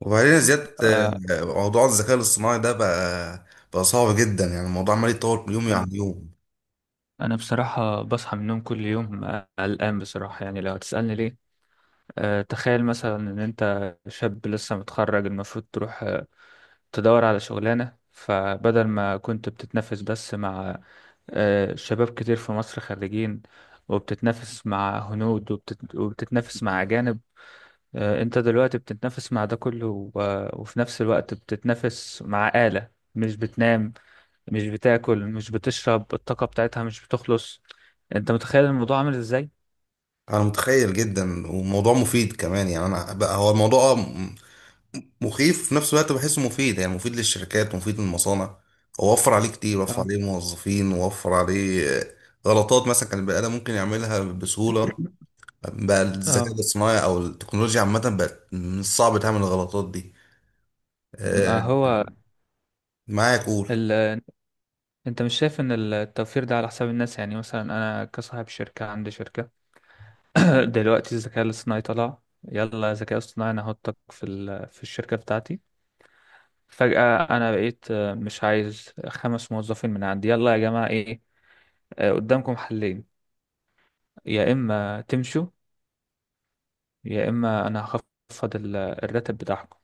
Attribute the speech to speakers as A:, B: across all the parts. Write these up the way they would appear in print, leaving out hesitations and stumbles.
A: وبعدين يا زياد،
B: آه،
A: موضوع الذكاء الاصطناعي ده بقى صعب جدا. يعني الموضوع عمال يتطور كل يوم
B: أنا
A: عن يوم.
B: أنا بصراحة بصحى من النوم كل يوم، قلقان بصراحة. يعني لو هتسألني ليه، تخيل مثلا إن أنت شاب لسه متخرج، المفروض تروح تدور على شغلانة. فبدل ما كنت بتتنافس بس مع شباب كتير في مصر خريجين، وبتتنافس مع هنود، وبتتنافس مع أجانب. أنت دلوقتي بتتنافس مع ده كله، وفي نفس الوقت بتتنافس مع آلة مش بتنام، مش بتاكل، مش بتشرب. الطاقة بتاعتها مش بتخلص. انت متخيل الموضوع عامل ازاي؟
A: انا متخيل جدا، وموضوع مفيد كمان. يعني انا بقى هو الموضوع مخيف في نفس الوقت، بحسه مفيد. يعني مفيد للشركات ومفيد للمصانع. هو وفر عليه كتير، وفر
B: اه.
A: عليه موظفين، ووفر عليه غلطات مثلا كان البني ادم ممكن يعملها بسهولة. بقى الذكاء
B: اه.
A: الاصطناعي او التكنولوجيا عامة بقت من الصعب تعمل الغلطات دي.
B: ما
A: آه،
B: هو
A: معايا قول.
B: ال... انت مش شايف ان التوفير ده على حساب الناس؟ يعني مثلا انا كصاحب شركة، عندي شركة. دلوقتي الذكاء الاصطناعي طلع، يلا ذكاء اصطناعي انا هحطك في في الشركة بتاعتي. فجأة انا بقيت مش عايز خمس موظفين من عندي. يلا يا جماعة، ايه، قدامكم حلين: يا اما تمشوا، يا اما انا هخفض الراتب بتاعكم.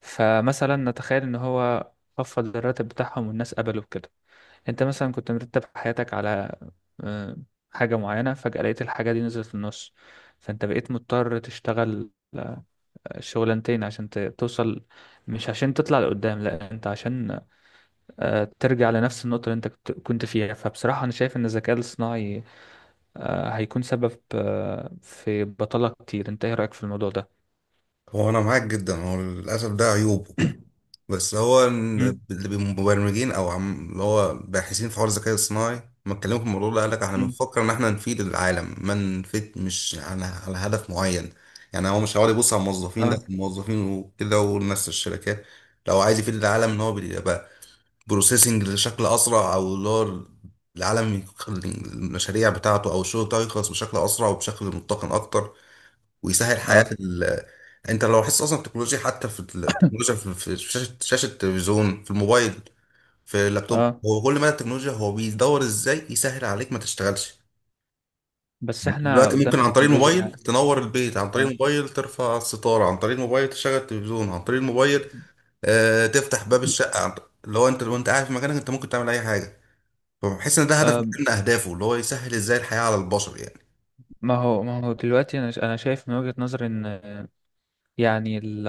B: فمثلا نتخيل ان هو خفض الراتب بتاعهم والناس قبلوا بكده. انت مثلا كنت مرتب حياتك على آه، حاجة معينة، فجأة لقيت الحاجة دي نزلت في النص، فانت بقيت مضطر تشتغل آه، شغلانتين عشان توصل. مش عشان تطلع لقدام، لا انت عشان ترجع لنفس النقطة اللي انت كنت فيها. فبصراحة انا شايف ان الذكاء الاصطناعي هيكون سبب في بطالة كتير. انت ايه رأيك في الموضوع ده؟
A: هو انا معاك جدا، هو للاسف ده عيوب. بس هو إن
B: مم.
A: اللي بمبرمجين او عم اللي هو باحثين في حوار الذكاء الصناعي ما اتكلموا في الموضوع ده، قال لك احنا
B: مم.
A: بنفكر ان احنا نفيد العالم، ما نفيد مش على هدف معين. يعني هو مش هيقعد يبص على الموظفين، لا
B: اه.
A: الموظفين وكده والناس في الشركات. لو عايز يفيد العالم ان هو بيبقى بروسيسنج بشكل اسرع، او اللي هو العالم يخ- المشاريع بتاعته او الشغل بتاعه يخلص بشكل اسرع وبشكل متقن اكتر، ويسهل حياة
B: اه.
A: ال... انت لو حاسس اصلا التكنولوجيا، حتى في التكنولوجيا، في شاشة التلفزيون، في الموبايل، في اللابتوب،
B: اه.
A: هو كل ما التكنولوجيا هو بيدور ازاي يسهل عليك ما تشتغلش يعني.
B: بس
A: انت
B: احنا
A: دلوقتي ممكن
B: قدام
A: عن طريق الموبايل
B: تكنولوجيا.
A: تنور البيت، عن طريق
B: اه،
A: الموبايل ترفع الستارة، عن طريق الموبايل تشغل التلفزيون، عن طريق الموبايل تفتح باب الشقة عن... اللي هو انت لو انت قاعد في مكانك انت ممكن تعمل اي حاجة. فبحس ان ده هدف
B: آه،
A: من اهدافه، اللي هو يسهل ازاي الحياة على البشر يعني.
B: ما هو دلوقتي انا شايف من وجهة نظري ان يعني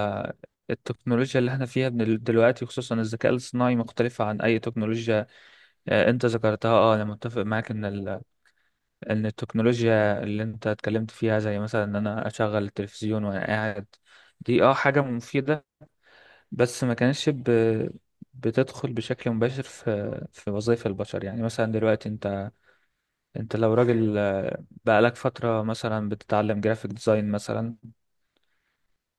B: التكنولوجيا اللي احنا فيها من دلوقتي، خصوصا الذكاء الاصطناعي، مختلفة عن اي تكنولوجيا انت ذكرتها. اه، انا متفق معاك ان ان التكنولوجيا اللي انت اتكلمت فيها، زي مثلا ان انا اشغل التلفزيون وانا قاعد، دي حاجة مفيدة. بس ما كانتش بتدخل بشكل مباشر في وظائف البشر. يعني مثلا دلوقتي، انت لو راجل بقالك فترة مثلا بتتعلم جرافيك ديزاين مثلا،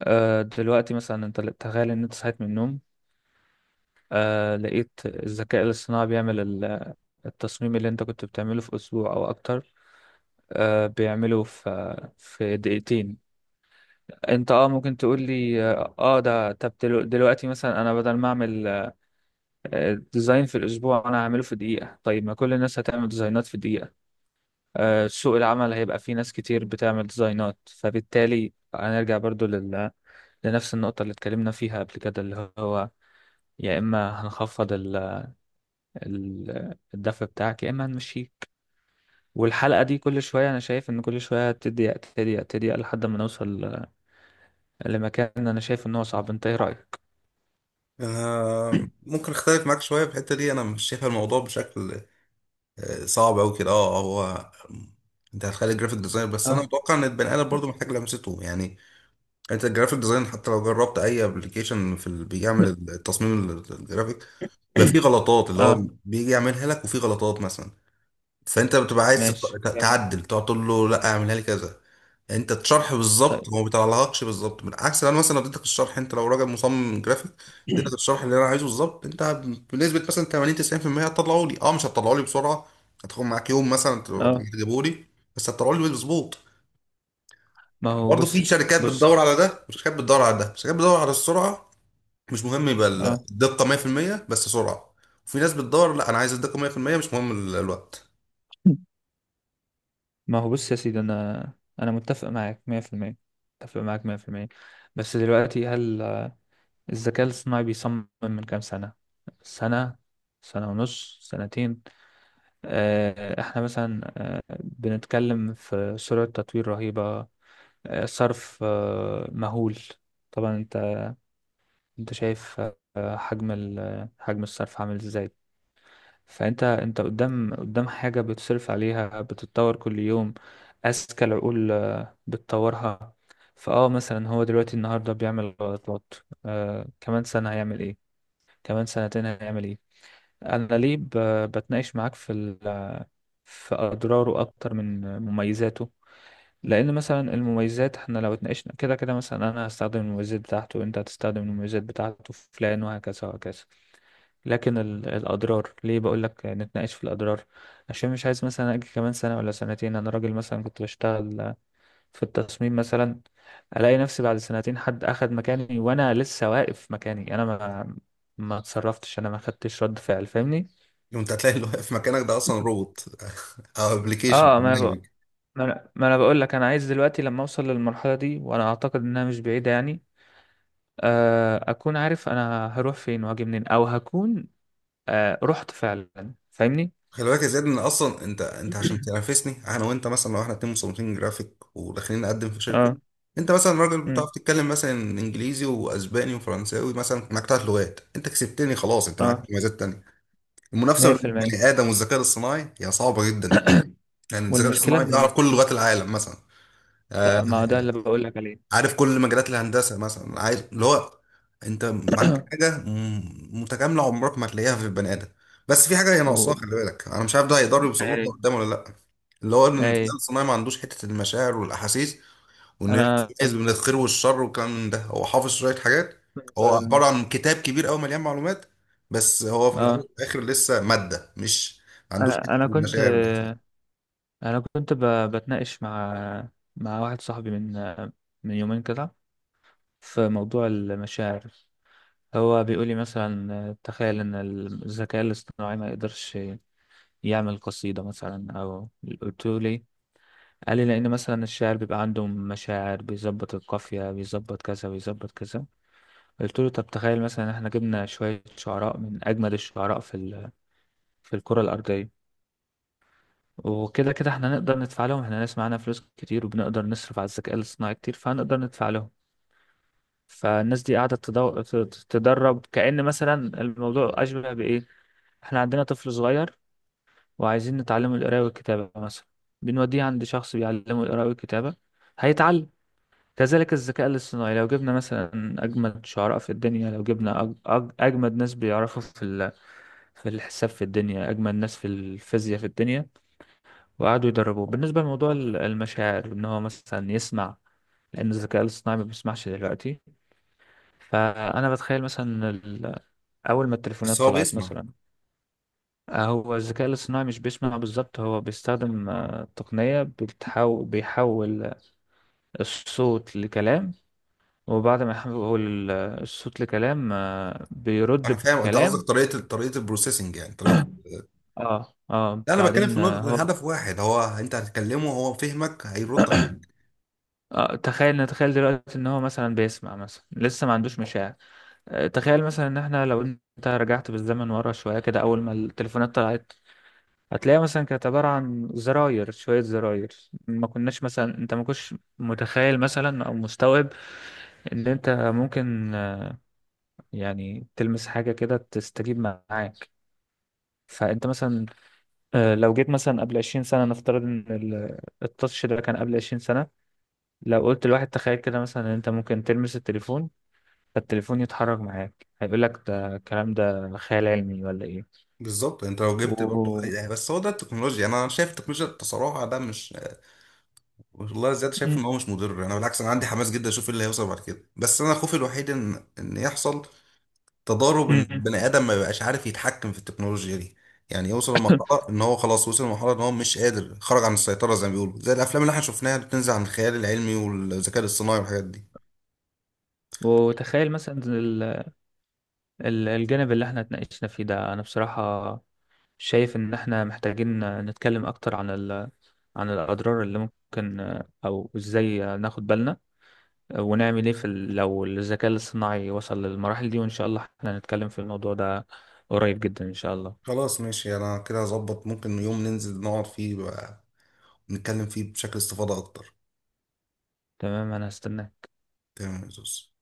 B: دلوقتي مثلا انت تخيل ان انت صحيت من النوم لقيت الذكاء الاصطناعي بيعمل التصميم اللي انت كنت بتعمله في اسبوع او اكتر بيعمله في دقيقتين. انت، ممكن تقول لي، ده، طب دلوقتي مثلا انا بدل ما اعمل ديزاين في الاسبوع، انا هعمله في دقيقة. طيب ما كل الناس هتعمل ديزاينات في دقيقة، سوق العمل هيبقى فيه ناس كتير بتعمل ديزاينات، فبالتالي هنرجع برضو لنفس النقطة اللي اتكلمنا فيها قبل كده، اللي هو يا إما هنخفض الدفع بتاعك، يا إما هنمشيك. والحلقة دي كل شوية أنا شايف إن كل شوية تضيق تضيق تضيق لحد ما نوصل لمكان أنا شايف إن هو صعب. أنت إيه رأيك؟
A: انا ممكن اختلف معاك شويه في الحته دي، انا مش شايف الموضوع بشكل صعب أوي كده. اه هو انت هتخلي الجرافيك ديزاين، بس انا
B: اه.
A: اتوقع ان البني ادم برضه محتاج لمسته يعني. انت الجرافيك ديزاين حتى لو جربت اي ابلكيشن في ال... بيعمل التصميم ال- الجرافيك، بيبقى فيه غلطات اللي هو
B: أه.
A: بيجي يعملها لك، وفيه غلطات مثلا. فانت بتبقى عايز
B: ماشي
A: تت-
B: جميل.
A: تعدل، تقعد تقول له لا اعملها لي كذا. انت الشرح بالظبط
B: طيب.
A: هو ما بيطلعلكش بالظبط. بالعكس، انا مثلا لو اديتك الشرح، انت لو راجل مصمم جرافيك، اديتك الشرح اللي انا عايزه بالظبط، انت بنسبه مثلا 80 90% هتطلعه لي. اه مش هتطلعه لي بسرعه، هتاخد معاك يوم مثلا
B: أه.
A: تجيبه لي، بس هتطلعه لي مظبوط.
B: ما هو
A: برضه
B: بص.
A: في شركات
B: بص.
A: بتدور على ده، وشركات بتدور على ده. شركات بتدور على السرعه، مش مهم يبقى
B: أه.
A: الدقه 100%، بس سرعه. وفي ناس بتدور لا انا عايز الدقه 100%، مش مهم ال- الوقت.
B: ما هو بص يا سيدي، انا متفق معاك 100%. متفق معاك 100%. بس دلوقتي، هل الذكاء الاصطناعي بيصمم من كام سنة؟ سنة، سنة ونص، سنتين. احنا مثلا بنتكلم في سرعة تطوير رهيبة، صرف مهول. طبعا انت شايف حجم حجم الصرف عامل ازاي. فانت، انت قدام حاجة بتصرف عليها بتتطور كل يوم، اذكى العقول بتطورها. مثلا هو دلوقتي النهاردة بيعمل غلطات. كمان سنة هيعمل ايه؟ كمان سنتين هيعمل ايه؟ انا ليه بتناقش معاك في في اضراره اكتر من مميزاته؟ لان مثلا المميزات احنا لو اتناقشنا كده كده، مثلا انا هستخدم المميزات بتاعته وانت هتستخدم المميزات بتاعته، فلان وهكذا وهكذا. لكن الاضرار ليه بقول لك نتناقش في الاضرار؟ عشان مش عايز مثلا اجي كمان سنه ولا سنتين، انا راجل مثلا كنت بشتغل في التصميم مثلا، الاقي نفسي بعد سنتين حد اخد مكاني وانا لسه واقف مكاني، انا ما اتصرفتش، انا ما خدتش رد فعل. فاهمني؟
A: وانت هتلاقي اللي واقف في مكانك ده اصلا روبوت او
B: اه،
A: ابلكيشن.
B: ما انا بقول ما انا ما أنا بقول لك، انا عايز دلوقتي لما اوصل للمرحله دي، وانا اعتقد انها مش بعيده يعني، اكون عارف انا هروح فين واجي منين، او هكون رحت فعلا. فاهمني؟
A: خلي بالك يا زياد ان اصلا انت عشان تنافسني انا وانت، مثلا لو احنا اتنين مصممين جرافيك وداخلين نقدم في شركه،
B: اه.
A: انت مثلا راجل بتعرف تتكلم مثلا انجليزي واسباني وفرنساوي، مثلا معاك ثلاث لغات، انت كسبتني خلاص، انت معاك
B: اه.
A: مميزات تانية. المنافسه بين
B: 100%.
A: البني ادم والذكاء الاصطناعي هي صعبه جدا. يعني الذكاء
B: والمشكله
A: الاصطناعي
B: ان
A: يعرف كل
B: ال-
A: لغات العالم مثلا، آه،
B: لا، ما هو ده اللي بقول لك عليه.
A: عارف كل مجالات الهندسه مثلا. عايز اللي هو انت معاك حاجه م- متكامله عمرك ما هتلاقيها في البني ادم. بس في حاجه هي
B: و...
A: ناقصاها، خلي بالك، انا مش عارف ده هيقدروا يوصلوا لها
B: اي.
A: قدام ولا لا. اللي هو ان الذكاء
B: اي.
A: الصناعي ما عندوش حته المشاعر والاحاسيس، وانه يعرف
B: انا
A: يميز بين الخير والشر والكلام من ده. هو حافظ شويه حاجات،
B: كنت
A: هو عباره عن كتاب كبير قوي مليان معلومات، بس هو في الاول
B: اه
A: والاخر لسه ماده، مش ما عندوش حته
B: انا انا كنت
A: المشاعر والاحاسيس.
B: انا كنت ب... بتناقش مع واحد صاحبي من يومين كده، في موضوع المشاعر. هو بيقول لي مثلا تخيل ان الذكاء الاصطناعي ما يقدرش يعمل قصيده مثلا، او قلت له ليه؟ قال لي لان مثلا الشاعر بيبقى عنده مشاعر، بيظبط القافيه، بيظبط كذا، بيظبط كذا. قلت له طب تخيل مثلا إن احنا جبنا شوية شعراء من أجمد الشعراء في في الكرة الأرضية، وكده كده احنا نقدر ندفع لهم. احنا ناس معانا فلوس كتير وبنقدر نصرف على الذكاء الاصطناعي كتير، فهنقدر ندفع لهم. فالناس دي قاعدة تدرب. كأن مثلا الموضوع أشبه بإيه: احنا عندنا طفل صغير وعايزين نتعلمه القراءة والكتابة مثلا، بنوديه عند شخص بيعلمه القراءة والكتابة، هيتعلم. كذلك الذكاء الاصطناعي، لو جبنا مثلا أجمد شعراء في الدنيا، لو جبنا أجمد ناس بيعرفوا في في الحساب في الدنيا، أجمل ناس في الفيزياء في الدنيا، وقعدوا يدربوه بالنسبة لموضوع المشاعر، إن هو مثلا يسمع، لأن الذكاء الاصطناعي ما بيسمعش دلوقتي. فأنا بتخيل مثلا أول ما
A: بس
B: التليفونات
A: هو
B: طلعت
A: بيسمع.
B: مثلا. هو الذكاء الاصطناعي مش بيسمع بالظبط، هو بيستخدم تقنية بتحاول، بيحول الصوت لكلام، وبعد ما يحول الصوت لكلام بيرد
A: انا فاهم انت قصدك
B: بكلام.
A: طريقه طريقه البروسيسنج يعني طريقه.
B: اه. اه.
A: لا، انا بتكلم في
B: بعدين
A: نقطة
B: هو،
A: الهدف واحد. هو انت هتكلمه هو فهمك، هيرد عليك
B: آه، تخيل نتخيل دلوقتي ان هو مثلا بيسمع مثلا، لسه ما عندوش مشاعر. تخيل مثلا ان احنا، لو انت رجعت بالزمن ورا شوية كده، اول ما التليفونات طلعت هتلاقيها مثلا كانت عبارة عن زراير، شوية زراير. ما كناش مثلا، انت ما كنتش متخيل مثلا او مستوعب ان انت ممكن يعني تلمس حاجة كده تستجيب معاك. فانت مثلا لو جيت مثلا قبل 20 سنة، نفترض ان التاتش ده كان قبل 20 سنة، لو قلت لواحد تخيل كده مثلا ان انت ممكن تلمس التليفون فالتليفون يتحرك معاك، هيقول لك ده الكلام ده خيال علمي ولا ايه؟
A: بالظبط. انت لو جبت برضه
B: و...
A: يعني، بس هو ده التكنولوجيا يعني. انا شايف التكنولوجيا التصارع ده مش... والله زياد، شايف
B: مم.
A: ان هو مش مضر. انا بالعكس، انا عندي حماس جدا اشوف ايه اللي هيوصل بعد كده. بس انا خوفي الوحيد ان يحصل تضارب، ان
B: مم.
A: بني ادم ما يبقاش عارف يتحكم في التكنولوجيا دي. يعني يوصل لمرحلة ان هو خلاص وصل لمرحلة ان هو مش قادر، خرج عن السيطرة زي ما بيقولوا، زي الافلام اللي احنا شفناها اللي بتنزل عن الخيال العلمي والذكاء الاصطناعي والحاجات دي.
B: وتخيل مثلا الجانب اللي احنا اتناقشنا فيه ده، انا بصراحة شايف ان احنا محتاجين نتكلم اكتر عن عن الاضرار اللي ممكن، او ازاي ناخد بالنا ونعمل ايه في لو الذكاء الاصطناعي وصل للمراحل دي. وان شاء الله احنا هنتكلم في الموضوع ده قريب جدا ان شاء الله.
A: خلاص، ماشي، انا كده اظبط. ممكن يوم ننزل نقعد فيه بقى نتكلم فيه بشكل استفاضة اكتر.
B: تمام، انا هستناك.
A: تمام يا زوز.